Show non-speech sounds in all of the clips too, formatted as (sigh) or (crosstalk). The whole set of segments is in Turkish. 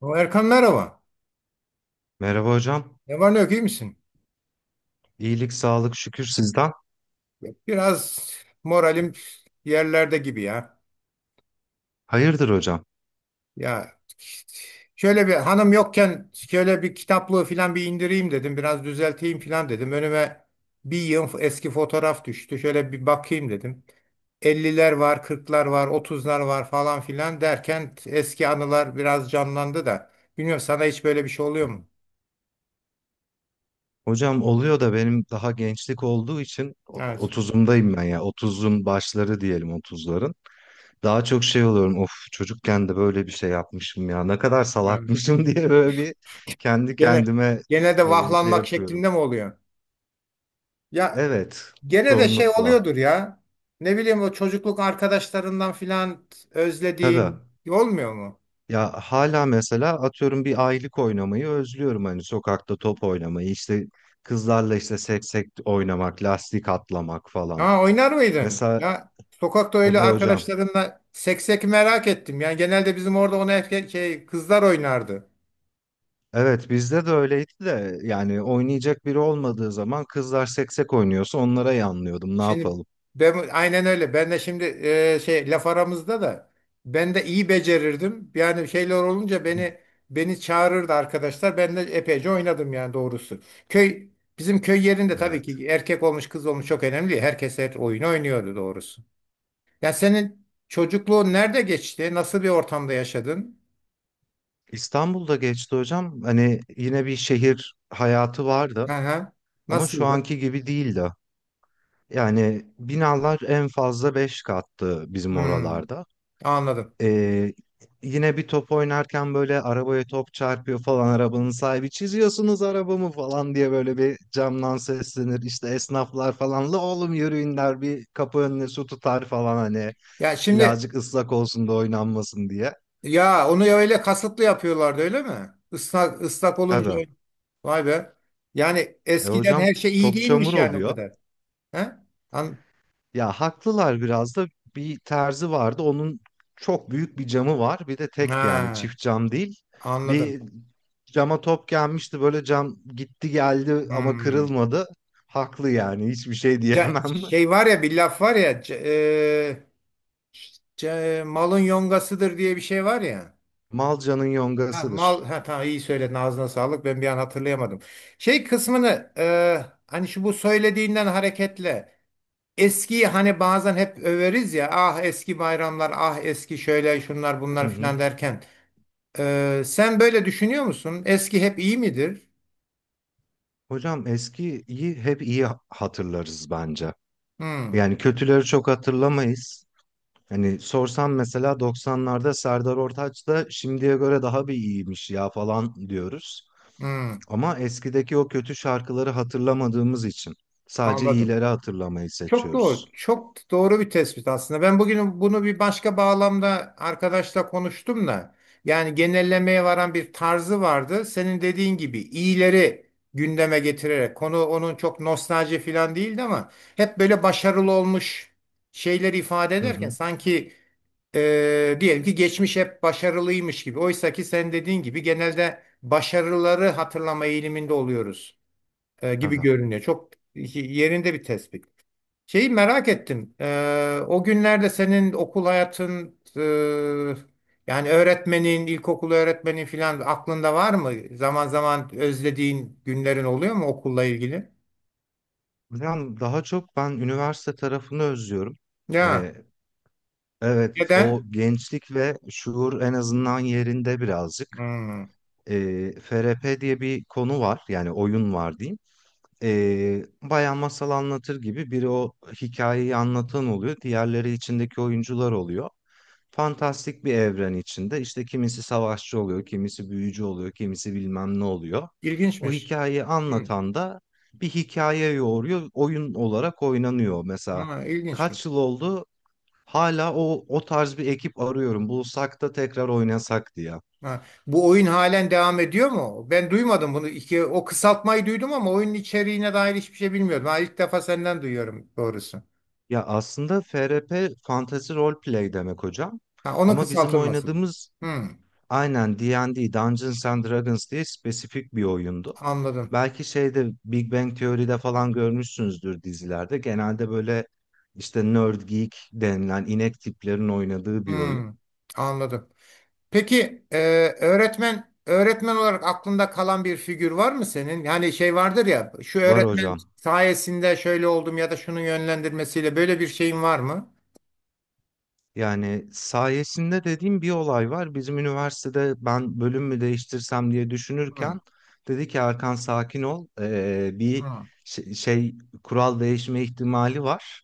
O Erkan, merhaba. Merhaba hocam. Ne var ne yok, iyi misin? İyilik, sağlık, şükür sizden. Biraz moralim yerlerde gibi ya. Hayırdır hocam? Ya şöyle bir hanım yokken şöyle bir kitaplığı falan bir indireyim dedim. Biraz düzelteyim falan dedim. Önüme bir yığın eski fotoğraf düştü. Şöyle bir bakayım dedim. 50'ler var, 40'lar var, 30'lar var falan filan derken eski anılar biraz canlandı da. Bilmiyorum sana hiç böyle bir şey Hı oluyor hı. mu? Hocam oluyor da benim daha gençlik olduğu için Evet. 30'umdayım ben ya. Otuzun başları diyelim, otuzların. Daha çok şey oluyorum. Of çocukken de böyle bir şey yapmışım ya. Ne kadar Evet. salakmışım (laughs) diye böyle bir kendi Gene, kendime gene de şey vahlanmak yapıyorum. şeklinde mi oluyor? Ya, Evet, gene de şey çoğunlukla. oluyordur ya. Ne bileyim, o çocukluk arkadaşlarından filan özlediğin Tabii. olmuyor mu? Ya hala mesela atıyorum bir aylık oynamayı özlüyorum, hani sokakta top oynamayı, işte kızlarla işte seksek oynamak, lastik atlamak falan. Ha, oynar mıydın? Mesela Ya, sokakta öyle tabii hocam. arkadaşlarınla seksek, merak ettim. Yani genelde bizim orada onu erkek şey kızlar oynardı. Evet, bizde de öyleydi de yani oynayacak biri olmadığı zaman kızlar seksek oynuyorsa onlara yanlıyordum, ne Şimdi yapalım. ben aynen öyle. Ben de şimdi şey laf aramızda da ben de iyi becerirdim. Yani şeyler olunca beni çağırırdı arkadaşlar. Ben de epeyce oynadım yani doğrusu. Köy bizim köy yerinde tabii (laughs) ki erkek olmuş kız olmuş çok önemli değil. Herkes her oyunu oynuyordu doğrusu. Ya senin çocukluğun nerede geçti? Nasıl bir ortamda yaşadın? İstanbul'da geçti hocam. Hani yine bir şehir hayatı vardı Aha, ama şu nasıldı? anki gibi değildi. Yani binalar en fazla 5 kattı bizim Hmm, oralarda. anladım. Ee, Yine bir top oynarken böyle arabaya top çarpıyor falan, arabanın sahibi çiziyorsunuz arabamı falan diye böyle bir camdan seslenir. İşte esnaflar falan la oğlum yürüyün der, bir kapı önüne su tutar falan, hani Ya şimdi, birazcık ıslak olsun da oynanmasın diye. ya onu ya, öyle kasıtlı yapıyorlardı öyle mi? Islak, ıslak olunca Tabii. öyle. Vay be. Yani E eskiden hocam, her şey iyi top çamur değilmiş yani o oluyor. kadar. He? An Ya haklılar biraz da, bir terzi vardı. Onun çok büyük bir camı var. Bir de tek yani ha, çift cam değil. anladım. Bir cama top gelmişti, böyle cam gitti geldi ama Hmm. kırılmadı. Haklı yani, hiçbir şey diyemem. Şey (laughs) var ya, bir laf var ya, malın yongasıdır diye bir şey var ya. Malca'nın Ha, mal, yongasıdır. ha, tamam, iyi söyledin, ağzına sağlık, ben bir an hatırlayamadım. Şey kısmını, hani şu bu söylediğinden hareketle, eskiyi hani bazen hep överiz ya, ah eski bayramlar, ah eski şöyle şunlar Hı bunlar hı. filan derken, sen böyle düşünüyor musun? Eski hep iyi midir? Hocam eskiyi hep iyi hatırlarız bence. Hmm, Yani kötüleri çok hatırlamayız. Hani sorsam mesela 90'larda Serdar Ortaç da şimdiye göre daha bir iyiymiş ya falan diyoruz. hmm, Ama eskideki o kötü şarkıları hatırlamadığımız için sadece anladım. iyileri hatırlamayı Çok doğru. seçiyoruz. Çok doğru bir tespit aslında. Ben bugün bunu bir başka bağlamda arkadaşla konuştum da yani genellemeye varan bir tarzı vardı. Senin dediğin gibi iyileri gündeme getirerek, konu onun çok nostalji falan değildi ama hep böyle başarılı olmuş şeyleri ifade Hı ederken hı, sanki diyelim ki geçmiş hep başarılıymış gibi. Oysa ki sen dediğin gibi genelde başarıları hatırlama eğiliminde oluyoruz gibi tabii. görünüyor. Çok yerinde bir tespit. Şeyi merak ettim. O günlerde senin okul hayatın, yani öğretmenin, ilkokul öğretmenin filan aklında var mı? Zaman zaman özlediğin günlerin oluyor mu okulla ilgili? Yani daha çok ben üniversite tarafını özlüyorum. Ya Hani, evet, o neden? gençlik ve şuur en azından yerinde birazcık. Hmm, FRP diye bir konu var, yani oyun var diyeyim. Bayan masal anlatır gibi biri o hikayeyi anlatan oluyor, diğerleri içindeki oyuncular oluyor. Fantastik bir evren içinde işte kimisi savaşçı oluyor, kimisi büyücü oluyor, kimisi bilmem ne oluyor. O ilginçmiş. hikayeyi Hmm, anlatan da bir hikaye yoğuruyor, oyun olarak oynanıyor. Mesela ha, ilginçmiş. kaç yıl oldu? Hala o tarz bir ekip arıyorum. Bulsak da tekrar oynasak diye. Ha, bu oyun halen devam ediyor mu? Ben duymadım bunu. İki, o kısaltmayı duydum ama oyunun içeriğine dair hiçbir şey bilmiyordum. Ha, ilk defa senden duyuyorum doğrusu. Ya aslında FRP Fantasy Role Play demek hocam. Ha, onun Ama bizim kısaltılması. oynadığımız Hmm, aynen D&D Dungeons and Dragons diye spesifik bir oyundu. anladım. Belki şeyde Big Bang Theory'de falan görmüşsünüzdür dizilerde. Genelde böyle işte nerd geek denilen inek tiplerin oynadığı bir oyun. Hmm, anladım. Peki öğretmen olarak aklında kalan bir figür var mı senin? Yani şey vardır ya, şu Var öğretmen hocam. sayesinde şöyle oldum ya da şunun yönlendirmesiyle, böyle bir şeyin var mı? Yani sayesinde dediğim bir olay var. Bizim üniversitede ben bölüm mü değiştirsem diye Hmm, düşünürken dedi ki Erkan sakin ol. Bir hmm, şey, şey, kural değişme ihtimali var.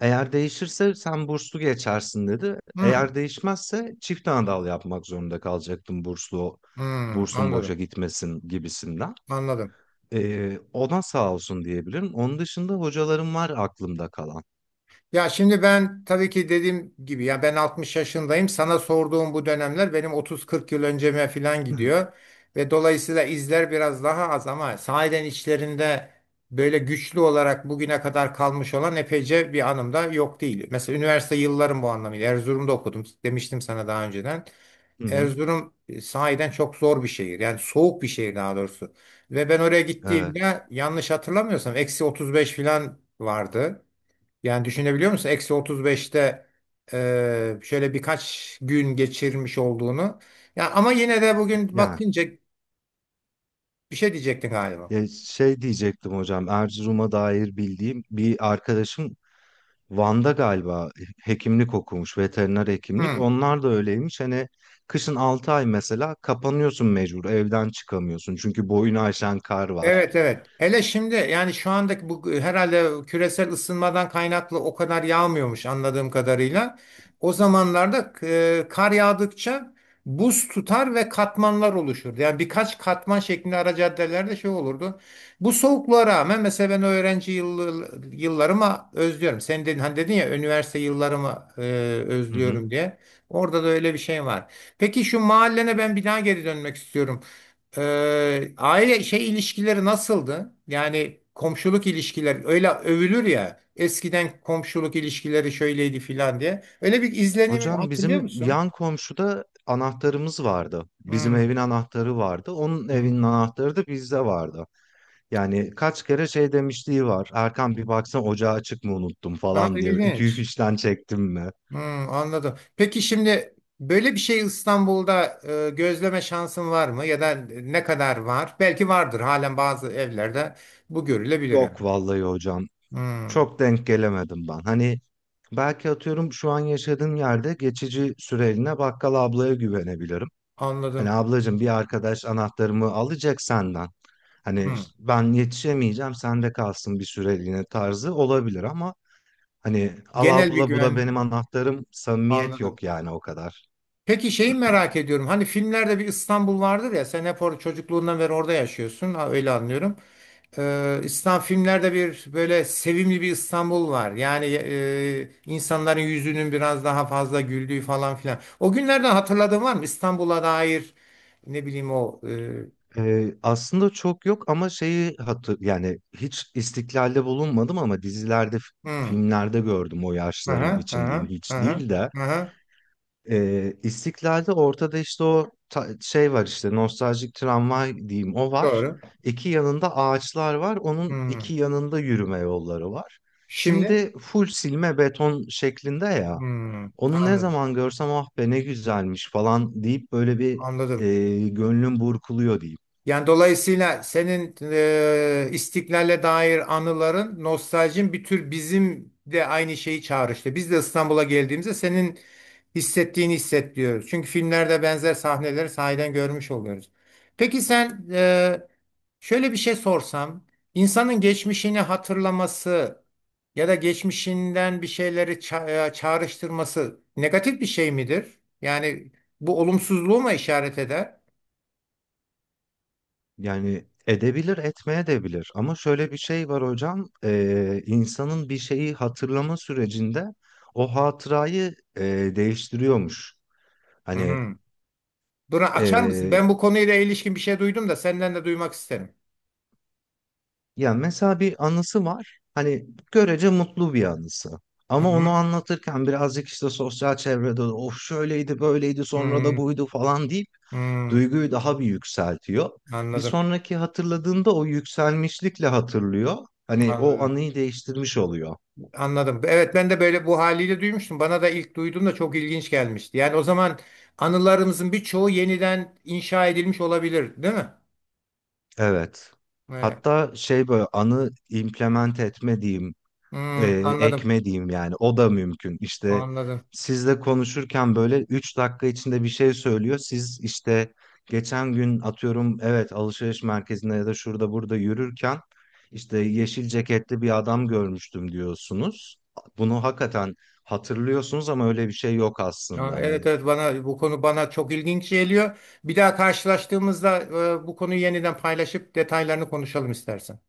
Eğer değişirse sen burslu geçersin dedi. hmm, Eğer değişmezse çift anadal yapmak zorunda kalacaktım, hmm, bursun boşa anladım. gitmesin gibisinden. Anladım. Ona sağ olsun diyebilirim. Onun dışında hocalarım var aklımda kalan. Ya şimdi, ben tabii ki dediğim gibi ya, ben 60 yaşındayım. Sana sorduğum bu dönemler benim 30, 40 yıl önceme falan (laughs) gidiyor. Ve dolayısıyla izler biraz daha az ama sahiden içlerinde böyle güçlü olarak bugüne kadar kalmış olan epeyce bir anım da yok değil. Mesela üniversite yıllarım bu anlamıyla. Erzurum'da okudum demiştim sana daha önceden. Hı hı, Erzurum sahiden çok zor bir şehir. Yani soğuk bir şehir daha doğrusu. Ve ben oraya evet. gittiğimde, yanlış hatırlamıyorsam, eksi 35 falan vardı. Yani düşünebiliyor musun? Eksi 35'te şöyle birkaç gün geçirmiş olduğunu. Ya ama yine de bugün Yani. bakınca, bir şey diyecektin galiba. Ya şey diyecektim hocam, Erzurum'a dair bildiğim bir arkadaşım Van'da galiba hekimlik okumuş, veteriner hekimlik. Hı. Onlar da öyleymiş. Hani kışın 6 ay mesela kapanıyorsun mecbur, evden çıkamıyorsun. Çünkü boyunu aşan kar var. Evet, evet. Hele şimdi yani, şu andaki bu herhalde küresel ısınmadan kaynaklı o kadar yağmıyormuş anladığım kadarıyla. O zamanlarda kar yağdıkça buz tutar ve katmanlar oluşurdu. Yani birkaç katman şeklinde ara caddelerde şey olurdu. Bu soğukluğa rağmen mesela ben öğrenci yıllarımı özlüyorum. Sen dedin hani, dedin ya üniversite yıllarımı Hı hı. özlüyorum diye. Orada da öyle bir şey var. Peki şu mahallene ben bir daha geri dönmek istiyorum. Aile şey ilişkileri nasıldı? Yani komşuluk ilişkileri, öyle övülür ya, eskiden komşuluk ilişkileri şöyleydi filan diye. Öyle bir izlenimi Hocam hatırlıyor bizim musun? yan komşuda anahtarımız vardı. Bizim Hmm, evin anahtarı vardı. Onun evinin hmm. anahtarı da bizde vardı. Yani kaç kere şey demişliği var. Erkan bir baksana ocağı açık mı unuttum Aa, falan diye. Ütüyü ilginç. fişten çektim mi? Hmm, anladım. Peki şimdi böyle bir şey İstanbul'da gözleme şansın var mı? Ya da ne kadar var? Belki vardır, halen bazı evlerde bu görülebilir yani. Yok vallahi hocam. Hmm, Çok denk gelemedim ben. Hani belki atıyorum şu an yaşadığım yerde geçici süreliğine bakkal ablaya güvenebilirim. Hani anladım. ablacığım bir arkadaş anahtarımı alacak senden. Hani Hmm. işte ben yetişemeyeceğim, sende kalsın bir süreliğine tarzı olabilir ama, hani al Genel bir abla bu da güven, benim anahtarım, samimiyet anladım. yok yani o kadar. Peki şeyi merak ediyorum. Hani filmlerde bir İstanbul vardır ya, sen hep orada çocukluğundan beri orada yaşıyorsun. Ha, öyle anlıyorum. İslam filmlerde bir böyle sevimli bir İstanbul var. Yani insanların yüzünün biraz daha fazla güldüğü falan filan. O günlerden hatırladığın var mı? İstanbul'a dair ne bileyim o. E, Aslında çok yok ama şeyi hatır yani hiç istiklalde bulunmadım ama dizilerde hmm, filmlerde gördüm o yaşlarım aha, için diyeyim aha, hiç aha, değil de. aha, İstiklalde ortada işte o şey var, işte nostaljik tramvay diyeyim o var, doğru. iki yanında ağaçlar var, onun Hmm. iki yanında yürüme yolları var, Şimdi, şimdi full silme beton şeklinde ya, hmm, onu ne anladım. zaman görsem ah be ne güzelmiş falan deyip böyle bir Anladım. Gönlüm burkuluyor diyeyim. Yani dolayısıyla senin İstiklal'e dair anıların, nostaljin bir tür bizim de aynı şeyi çağrıştı. İşte biz de İstanbul'a geldiğimizde senin hissettiğini hisset diyoruz. Çünkü filmlerde benzer sahneleri sahiden görmüş oluyoruz. Peki sen, şöyle bir şey sorsam, insanın geçmişini hatırlaması ya da geçmişinden bir şeyleri çağrıştırması negatif bir şey midir? Yani bu olumsuzluğu mu işaret eder? Yani edebilir, etmeye de bilir. Ama şöyle bir şey var hocam, insanın bir şeyi hatırlama sürecinde o hatırayı değiştiriyormuş. Hani Duran, açar mısın? eee Ben bu konuyla ilişkin bir şey duydum da senden de duymak isterim. yani mesela bir anısı var, hani görece mutlu bir anısı. Hı Ama onu hı. anlatırken birazcık işte sosyal çevrede of şöyleydi, böyleydi, sonra da Hmm, buydu falan deyip hmm. duyguyu daha bir yükseltiyor. Bir Anladım. sonraki hatırladığında o yükselmişlikle hatırlıyor. Hani o Anladım. anıyı değiştirmiş oluyor. Anladım. Evet, ben de böyle bu haliyle duymuştum. Bana da ilk duyduğumda çok ilginç gelmişti. Yani o zaman, anılarımızın birçoğu yeniden inşa edilmiş olabilir, değil mi? Evet. Evet. Hatta şey böyle anı implement etme diyeyim, e, Hmm, anladım. ekme yani o da mümkün. İşte Anladım. sizle konuşurken böyle 3 dakika içinde bir şey söylüyor. Siz işte geçen gün atıyorum evet alışveriş merkezinde ya da şurada burada yürürken işte yeşil ceketli bir adam görmüştüm diyorsunuz. Bunu hakikaten hatırlıyorsunuz ama öyle bir şey yok Ya, aslında. evet, Hani evet, bana bu konu bana çok ilginç geliyor. Bir daha karşılaştığımızda bu konuyu yeniden paylaşıp detaylarını konuşalım istersen.